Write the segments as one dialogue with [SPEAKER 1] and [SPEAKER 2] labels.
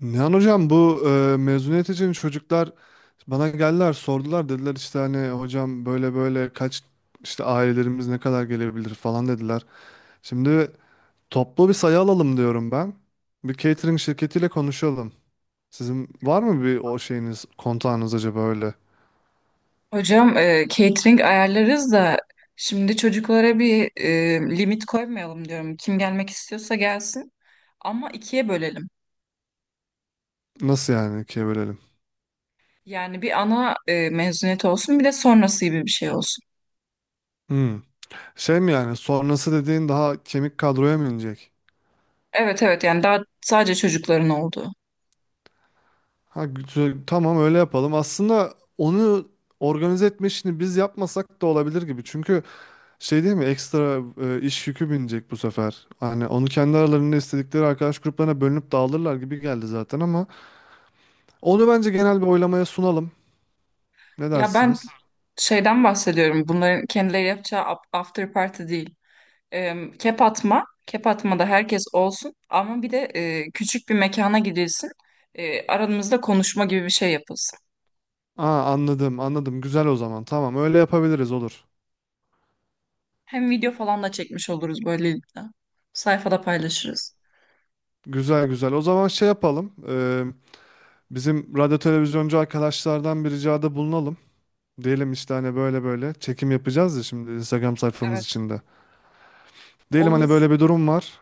[SPEAKER 1] Nihan hocam bu mezuniyet için çocuklar bana geldiler sordular dediler işte hani hocam böyle böyle kaç işte ailelerimiz ne kadar gelebilir falan dediler. Şimdi toplu bir sayı alalım diyorum ben. Bir catering şirketiyle konuşalım. Sizin var mı bir o şeyiniz kontağınız acaba öyle?
[SPEAKER 2] Hocam catering ayarlarız da şimdi çocuklara bir limit koymayalım diyorum. Kim gelmek istiyorsa gelsin ama ikiye bölelim.
[SPEAKER 1] Nasıl yani ikiye bölelim?
[SPEAKER 2] Yani bir ana mezuniyet olsun bir de sonrası gibi bir şey olsun.
[SPEAKER 1] Hmm. Şey mi yani sonrası dediğin daha kemik kadroya mı inecek?
[SPEAKER 2] Evet evet, yani daha sadece çocukların olduğu.
[SPEAKER 1] Ha güzel tamam öyle yapalım. Aslında onu organize etme işini biz yapmasak da olabilir gibi. Çünkü şey değil mi? Ekstra iş yükü binecek bu sefer. Hani onu kendi aralarında istedikleri arkadaş gruplarına bölünüp dağılırlar gibi geldi zaten ama onu bence genel bir oylamaya sunalım. Ne
[SPEAKER 2] Ya ben
[SPEAKER 1] dersiniz?
[SPEAKER 2] şeyden bahsediyorum, bunların kendileri yapacağı after party değil. Kep atma, kep atmada herkes olsun ama bir de küçük bir mekana gidilsin. Aranızda konuşma gibi bir şey yapılsın.
[SPEAKER 1] Aa, anladım, anladım. Güzel o zaman. Tamam, öyle yapabiliriz olur.
[SPEAKER 2] Hem video falan da çekmiş oluruz böylelikle. Sayfada paylaşırız.
[SPEAKER 1] Güzel güzel. O zaman şey yapalım. Bizim radyo televizyoncu arkadaşlardan bir ricada bulunalım. Diyelim işte hani böyle böyle çekim yapacağız ya şimdi Instagram sayfamız
[SPEAKER 2] Evet,
[SPEAKER 1] içinde. Diyelim hani
[SPEAKER 2] olur.
[SPEAKER 1] böyle bir durum var.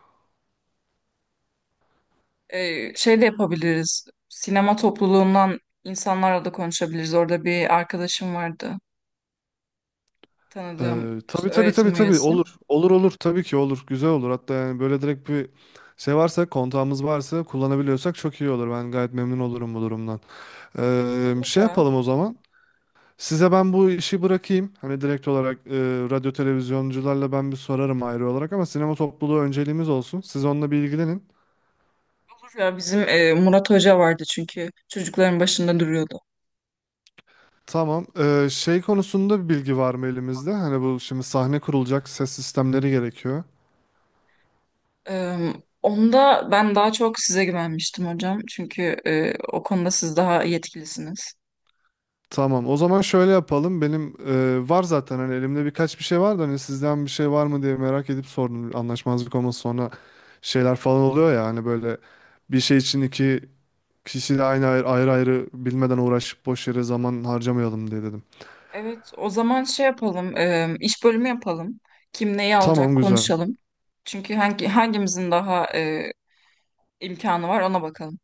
[SPEAKER 2] Şey de yapabiliriz. Sinema topluluğundan insanlarla da konuşabiliriz. Orada bir arkadaşım vardı. Tanıdığım işte
[SPEAKER 1] Tabii tabii tabii
[SPEAKER 2] öğretim
[SPEAKER 1] tabii
[SPEAKER 2] üyesi.
[SPEAKER 1] olur. Olur olur tabii ki olur. Güzel olur. Hatta yani böyle direkt bir şey varsa kontağımız varsa kullanabiliyorsak çok iyi olur. Ben gayet memnun olurum bu durumdan.
[SPEAKER 2] Olur
[SPEAKER 1] Şey
[SPEAKER 2] ya.
[SPEAKER 1] yapalım o zaman. Size ben bu işi bırakayım. Hani direkt olarak radyo televizyoncularla ben bir sorarım ayrı olarak ama sinema topluluğu önceliğimiz olsun. Siz onunla bir ilgilenin.
[SPEAKER 2] Olur ya. Bizim Murat Hoca vardı çünkü çocukların başında duruyordu.
[SPEAKER 1] Tamam. Şey konusunda bir bilgi var mı elimizde? Hani bu şimdi sahne kurulacak, ses sistemleri gerekiyor.
[SPEAKER 2] Ee, Onda ben daha çok size güvenmiştim hocam. Çünkü o konuda siz daha yetkilisiniz.
[SPEAKER 1] Tamam. O zaman şöyle yapalım. Benim var zaten hani elimde birkaç bir şey var da hani sizden bir şey var mı diye merak edip sordum. Anlaşmazlık olması sonra şeyler falan oluyor ya hani böyle bir şey için iki kişi aynı ayrı ayrı bilmeden uğraşıp boş yere zaman harcamayalım diye dedim.
[SPEAKER 2] Evet, o zaman şey yapalım, iş bölümü yapalım. Kim neyi alacak
[SPEAKER 1] Tamam güzel.
[SPEAKER 2] konuşalım. Çünkü hangimizin daha imkanı var ona bakalım.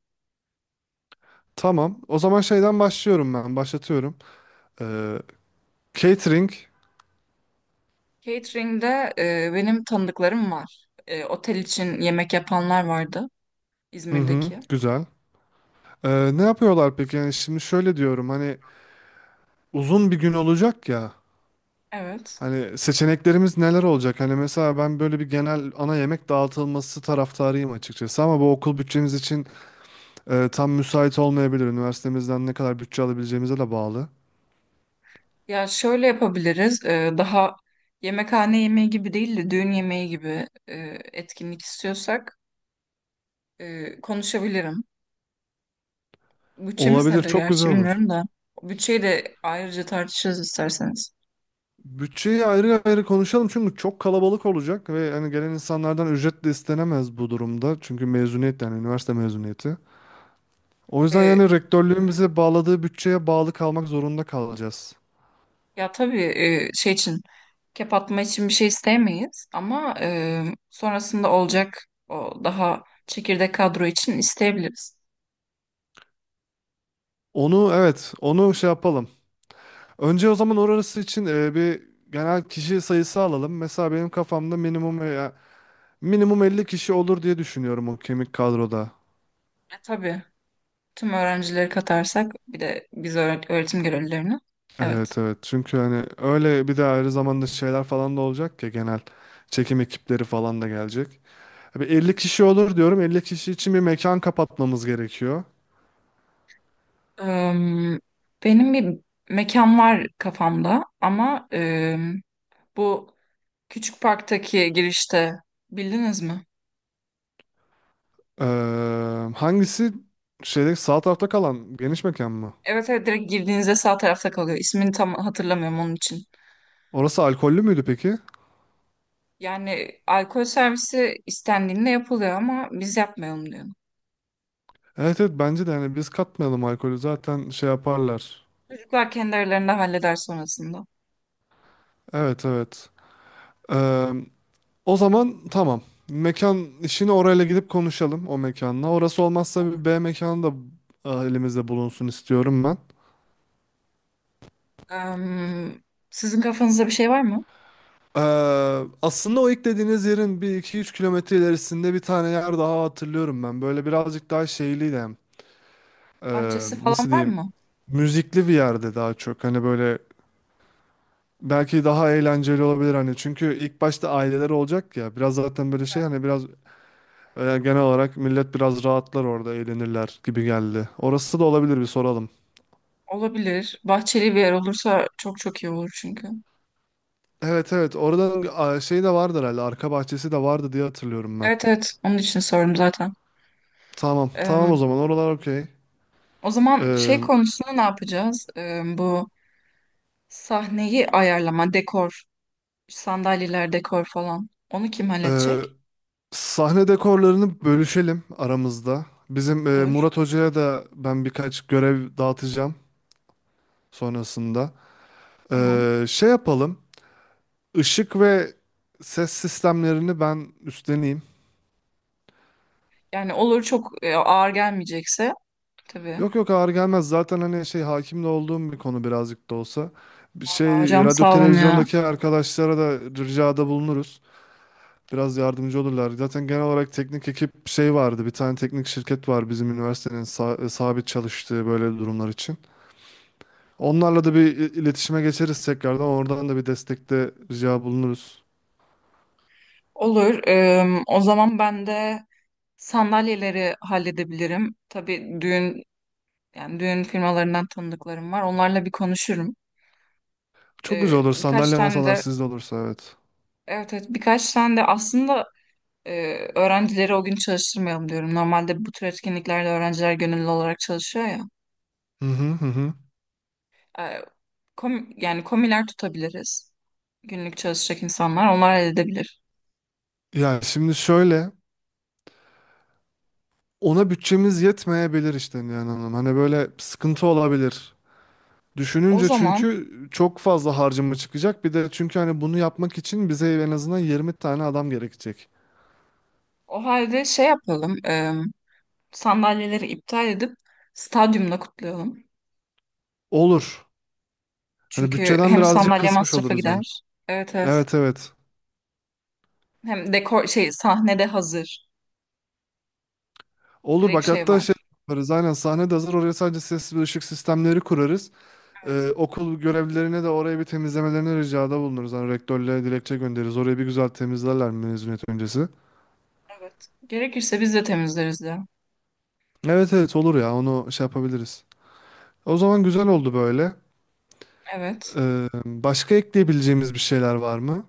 [SPEAKER 1] Tamam. O zaman şeyden başlıyorum ben. Başlatıyorum. Ee, Catering.
[SPEAKER 2] Catering'de benim tanıdıklarım var. E, otel için yemek yapanlar vardı
[SPEAKER 1] Hı hı.
[SPEAKER 2] İzmir'deki.
[SPEAKER 1] Güzel. Ne yapıyorlar peki? Yani şimdi şöyle diyorum hani uzun bir gün olacak ya.
[SPEAKER 2] Evet.
[SPEAKER 1] Hani seçeneklerimiz neler olacak? Hani mesela ben böyle bir genel ana yemek dağıtılması taraftarıyım açıkçası ama bu okul bütçemiz için tam müsait olmayabilir. Üniversitemizden ne kadar bütçe alabileceğimize de bağlı.
[SPEAKER 2] Ya şöyle yapabiliriz. Daha yemekhane yemeği gibi değil de düğün yemeği gibi etkinlik istiyorsak konuşabilirim. Bütçemiz
[SPEAKER 1] Olabilir,
[SPEAKER 2] nedir
[SPEAKER 1] çok güzel
[SPEAKER 2] gerçi
[SPEAKER 1] olur.
[SPEAKER 2] bilmiyorum da. Bütçeyi de ayrıca tartışırız isterseniz.
[SPEAKER 1] Bütçeyi ayrı ayrı konuşalım çünkü çok kalabalık olacak ve hani gelen insanlardan ücret de istenemez bu durumda. Çünkü mezuniyet yani üniversite mezuniyeti. O yüzden yani rektörlüğün bize bağladığı bütçeye bağlı kalmak zorunda kalacağız.
[SPEAKER 2] Ya tabii şey için kep atma için bir şey istemeyiz ama sonrasında olacak o daha çekirdek kadro için isteyebiliriz.
[SPEAKER 1] Onu evet, onu şey yapalım. Önce o zaman orası için bir genel kişi sayısı alalım. Mesela benim kafamda minimum 50 kişi olur diye düşünüyorum o kemik kadroda.
[SPEAKER 2] E, tabii tüm öğrencileri katarsak bir de biz öğretim görevlilerini. Evet.
[SPEAKER 1] Evet evet. Çünkü hani öyle bir de ayrı zamanda şeyler falan da olacak ya genel çekim ekipleri falan da gelecek. Bir 50 kişi olur diyorum. 50 kişi için bir mekan kapatmamız gerekiyor.
[SPEAKER 2] Em, Benim bir mekan var kafamda ama bu küçük parktaki girişte bildiniz mi?
[SPEAKER 1] Ee, Hangisi şeyde sağ tarafta kalan geniş mekan mı?
[SPEAKER 2] Evet evet, direkt girdiğinizde sağ tarafta kalıyor. İsmini tam hatırlamıyorum onun için.
[SPEAKER 1] Orası alkollü müydü peki?
[SPEAKER 2] Yani alkol servisi istendiğinde yapılıyor ama biz yapmayalım diyorum.
[SPEAKER 1] Evet evet bence de hani biz katmayalım alkolü zaten şey yaparlar.
[SPEAKER 2] Çocuklar kendi aralarında halleder sonrasında.
[SPEAKER 1] Evet evet. Ee, O zaman tamam. Mekan işini orayla gidip konuşalım o mekanla. Orası olmazsa bir B mekanı da elimizde bulunsun istiyorum ben.
[SPEAKER 2] Em, Sizin kafanızda bir şey var mı?
[SPEAKER 1] Ee, Aslında o ilk dediğiniz yerin 1-2-3 kilometre ilerisinde bir tane yer daha hatırlıyorum ben. Böyle birazcık daha şeyliydi hem.
[SPEAKER 2] Bahçesi
[SPEAKER 1] Nasıl
[SPEAKER 2] falan var
[SPEAKER 1] diyeyim?
[SPEAKER 2] mı?
[SPEAKER 1] Müzikli bir yerde daha çok. Hani böyle belki daha eğlenceli olabilir hani. Çünkü ilk başta aileler olacak ya. Biraz zaten böyle şey hani biraz genel olarak millet biraz rahatlar orada, eğlenirler gibi geldi. Orası da olabilir bir soralım.
[SPEAKER 2] Olabilir. Bahçeli bir yer olursa çok çok iyi olur çünkü.
[SPEAKER 1] Evet evet oradan şey de vardı herhalde arka bahçesi de vardı diye hatırlıyorum ben.
[SPEAKER 2] Evet evet, onun için sordum zaten.
[SPEAKER 1] Tamam tamam o
[SPEAKER 2] Em,
[SPEAKER 1] zaman oralar okey.
[SPEAKER 2] O zaman şey
[SPEAKER 1] Ee,
[SPEAKER 2] konusunda ne yapacağız? Bu sahneyi ayarlama, dekor, sandalyeler, dekor falan. Onu kim
[SPEAKER 1] e,
[SPEAKER 2] halledecek?
[SPEAKER 1] Sahne dekorlarını bölüşelim aramızda. Bizim
[SPEAKER 2] Olur.
[SPEAKER 1] Murat Hoca'ya da ben birkaç görev dağıtacağım sonrasında.
[SPEAKER 2] Tamam.
[SPEAKER 1] Şey yapalım ışık ve ses sistemlerini ben üstleneyim.
[SPEAKER 2] Yani olur, çok ağır gelmeyecekse tabii.
[SPEAKER 1] Yok yok ağır gelmez. Zaten hani şey hakim de olduğum bir konu birazcık da olsa. Bir
[SPEAKER 2] Ya
[SPEAKER 1] şey
[SPEAKER 2] Hocam
[SPEAKER 1] radyo
[SPEAKER 2] sağ olun ya.
[SPEAKER 1] televizyondaki arkadaşlara da ricada bulunuruz. Biraz yardımcı olurlar. Zaten genel olarak teknik ekip şey vardı. Bir tane teknik şirket var bizim üniversitenin sabit çalıştığı böyle durumlar için. Onlarla da bir iletişime geçeriz tekrardan. Oradan da bir destekte rica bulunuruz.
[SPEAKER 2] Olur. O zaman ben de sandalyeleri halledebilirim. Tabii düğün, yani düğün firmalarından tanıdıklarım var. Onlarla bir konuşurum.
[SPEAKER 1] Çok güzel olur.
[SPEAKER 2] Birkaç
[SPEAKER 1] Sandalye
[SPEAKER 2] tane
[SPEAKER 1] masalar
[SPEAKER 2] de
[SPEAKER 1] sizde olursa evet.
[SPEAKER 2] evet evet, birkaç tane de aslında öğrencileri o gün çalıştırmayalım diyorum. Normalde bu tür etkinliklerde öğrenciler gönüllü olarak çalışıyor ya.
[SPEAKER 1] Hı hı hı hı.
[SPEAKER 2] Eee, Yani komiler tutabiliriz. Günlük çalışacak insanlar onlar halledebilir.
[SPEAKER 1] Ya şimdi şöyle. Ona bütçemiz yetmeyebilir işte yani hanım. Hani böyle sıkıntı olabilir.
[SPEAKER 2] O
[SPEAKER 1] Düşününce
[SPEAKER 2] zaman
[SPEAKER 1] çünkü çok fazla harcama çıkacak. Bir de çünkü hani bunu yapmak için bize en azından 20 tane adam gerekecek.
[SPEAKER 2] o halde şey yapalım. Sandalyeleri iptal edip stadyumda kutlayalım.
[SPEAKER 1] Olur. Hani
[SPEAKER 2] Çünkü
[SPEAKER 1] bütçeden
[SPEAKER 2] hem
[SPEAKER 1] birazcık
[SPEAKER 2] sandalye
[SPEAKER 1] kısmış
[SPEAKER 2] masrafa
[SPEAKER 1] oluruz hem.
[SPEAKER 2] gider. Evet evet.
[SPEAKER 1] Evet evet.
[SPEAKER 2] Hem dekor şey sahnede hazır.
[SPEAKER 1] Olur
[SPEAKER 2] Direkt
[SPEAKER 1] bak
[SPEAKER 2] şey
[SPEAKER 1] hatta şey
[SPEAKER 2] var.
[SPEAKER 1] yaparız. Aynen sahne de hazır. Oraya sadece ses ve ışık sistemleri kurarız.
[SPEAKER 2] Evet.
[SPEAKER 1] Okul görevlilerine de oraya bir temizlemelerini ricada bulunuruz. Hani rektörle dilekçe göndeririz. Orayı bir güzel temizlerler mezuniyet öncesi.
[SPEAKER 2] Evet. Gerekirse biz de temizleriz de.
[SPEAKER 1] Evet evet olur ya onu şey yapabiliriz. O zaman güzel oldu böyle.
[SPEAKER 2] Evet.
[SPEAKER 1] Başka ekleyebileceğimiz bir şeyler var mı?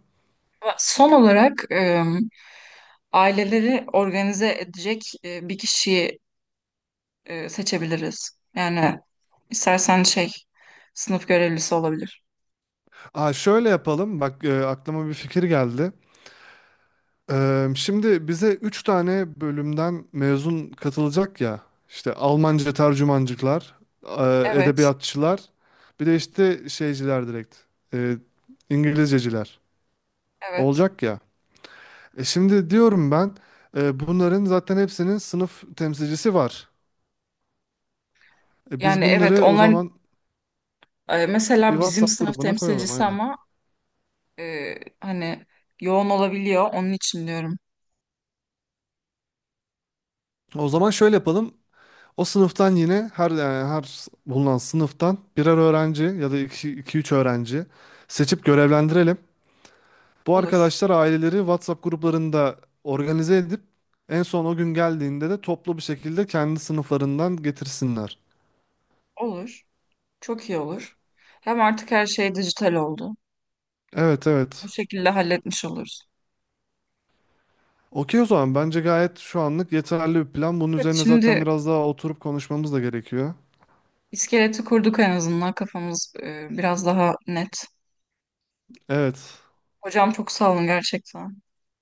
[SPEAKER 2] Ve son olarak aileleri organize edecek bir kişiyi seçebiliriz. Yani istersen şey sınıf görevlisi olabilir.
[SPEAKER 1] Aa, şöyle yapalım. Bak aklıma bir fikir geldi. Şimdi bize 3 tane bölümden mezun katılacak ya. İşte Almanca tercümancıklar,
[SPEAKER 2] Evet.
[SPEAKER 1] edebiyatçılar, bir de işte şeyciler direkt. e, İngilizceciler
[SPEAKER 2] Evet.
[SPEAKER 1] olacak ya. E şimdi diyorum ben bunların zaten hepsinin sınıf temsilcisi var. E, biz
[SPEAKER 2] Yani evet,
[SPEAKER 1] bunları o
[SPEAKER 2] onlar
[SPEAKER 1] zaman bir
[SPEAKER 2] mesela bizim
[SPEAKER 1] WhatsApp
[SPEAKER 2] sınıf
[SPEAKER 1] grubuna koyalım
[SPEAKER 2] temsilcisi
[SPEAKER 1] aynen.
[SPEAKER 2] ama e, hani yoğun olabiliyor. Onun için diyorum.
[SPEAKER 1] O zaman şöyle yapalım. O sınıftan yine her yani bulunan sınıftan birer öğrenci ya da iki üç öğrenci seçip görevlendirelim. Bu
[SPEAKER 2] Olur.
[SPEAKER 1] arkadaşlar aileleri WhatsApp gruplarında organize edip en son o gün geldiğinde de toplu bir şekilde kendi sınıflarından getirsinler.
[SPEAKER 2] Olur. Çok iyi olur. Hem artık her şey dijital oldu.
[SPEAKER 1] Evet
[SPEAKER 2] Bu
[SPEAKER 1] evet.
[SPEAKER 2] şekilde halletmiş oluruz.
[SPEAKER 1] Okey o zaman bence gayet şu anlık yeterli bir plan. Bunun
[SPEAKER 2] Evet,
[SPEAKER 1] üzerine zaten
[SPEAKER 2] şimdi
[SPEAKER 1] biraz daha oturup konuşmamız da gerekiyor.
[SPEAKER 2] iskeleti kurduk en azından. Kafamız biraz daha net.
[SPEAKER 1] Evet.
[SPEAKER 2] Hocam çok sağ olun gerçekten.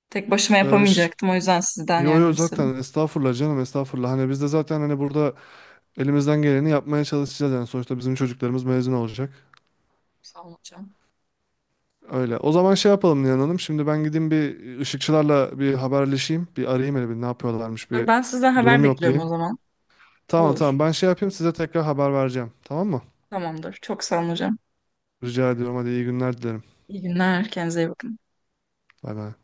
[SPEAKER 2] Tek başıma
[SPEAKER 1] Ee, ş-
[SPEAKER 2] yapamayacaktım. O yüzden sizden
[SPEAKER 1] Yo yo
[SPEAKER 2] yardım istedim.
[SPEAKER 1] zaten estağfurullah canım estağfurullah. Hani biz de zaten hani burada elimizden geleni yapmaya çalışacağız yani sonuçta bizim çocuklarımız mezun olacak.
[SPEAKER 2] Sağ olun hocam.
[SPEAKER 1] Öyle. O zaman şey yapalım Nihan Hanım. Şimdi ben gideyim bir ışıkçılarla bir haberleşeyim. Bir arayayım hele bir ne yapıyorlarmış
[SPEAKER 2] Olur,
[SPEAKER 1] bir
[SPEAKER 2] ben sizden haber
[SPEAKER 1] durum
[SPEAKER 2] bekliyorum
[SPEAKER 1] yoklayayım.
[SPEAKER 2] o zaman.
[SPEAKER 1] Tamam
[SPEAKER 2] Olur.
[SPEAKER 1] tamam ben şey yapayım size tekrar haber vereceğim. Tamam mı?
[SPEAKER 2] Tamamdır. Çok sağ olun hocam.
[SPEAKER 1] Rica ediyorum hadi iyi günler dilerim.
[SPEAKER 2] İyi günler. Kendinize iyi bakın.
[SPEAKER 1] Bay bay.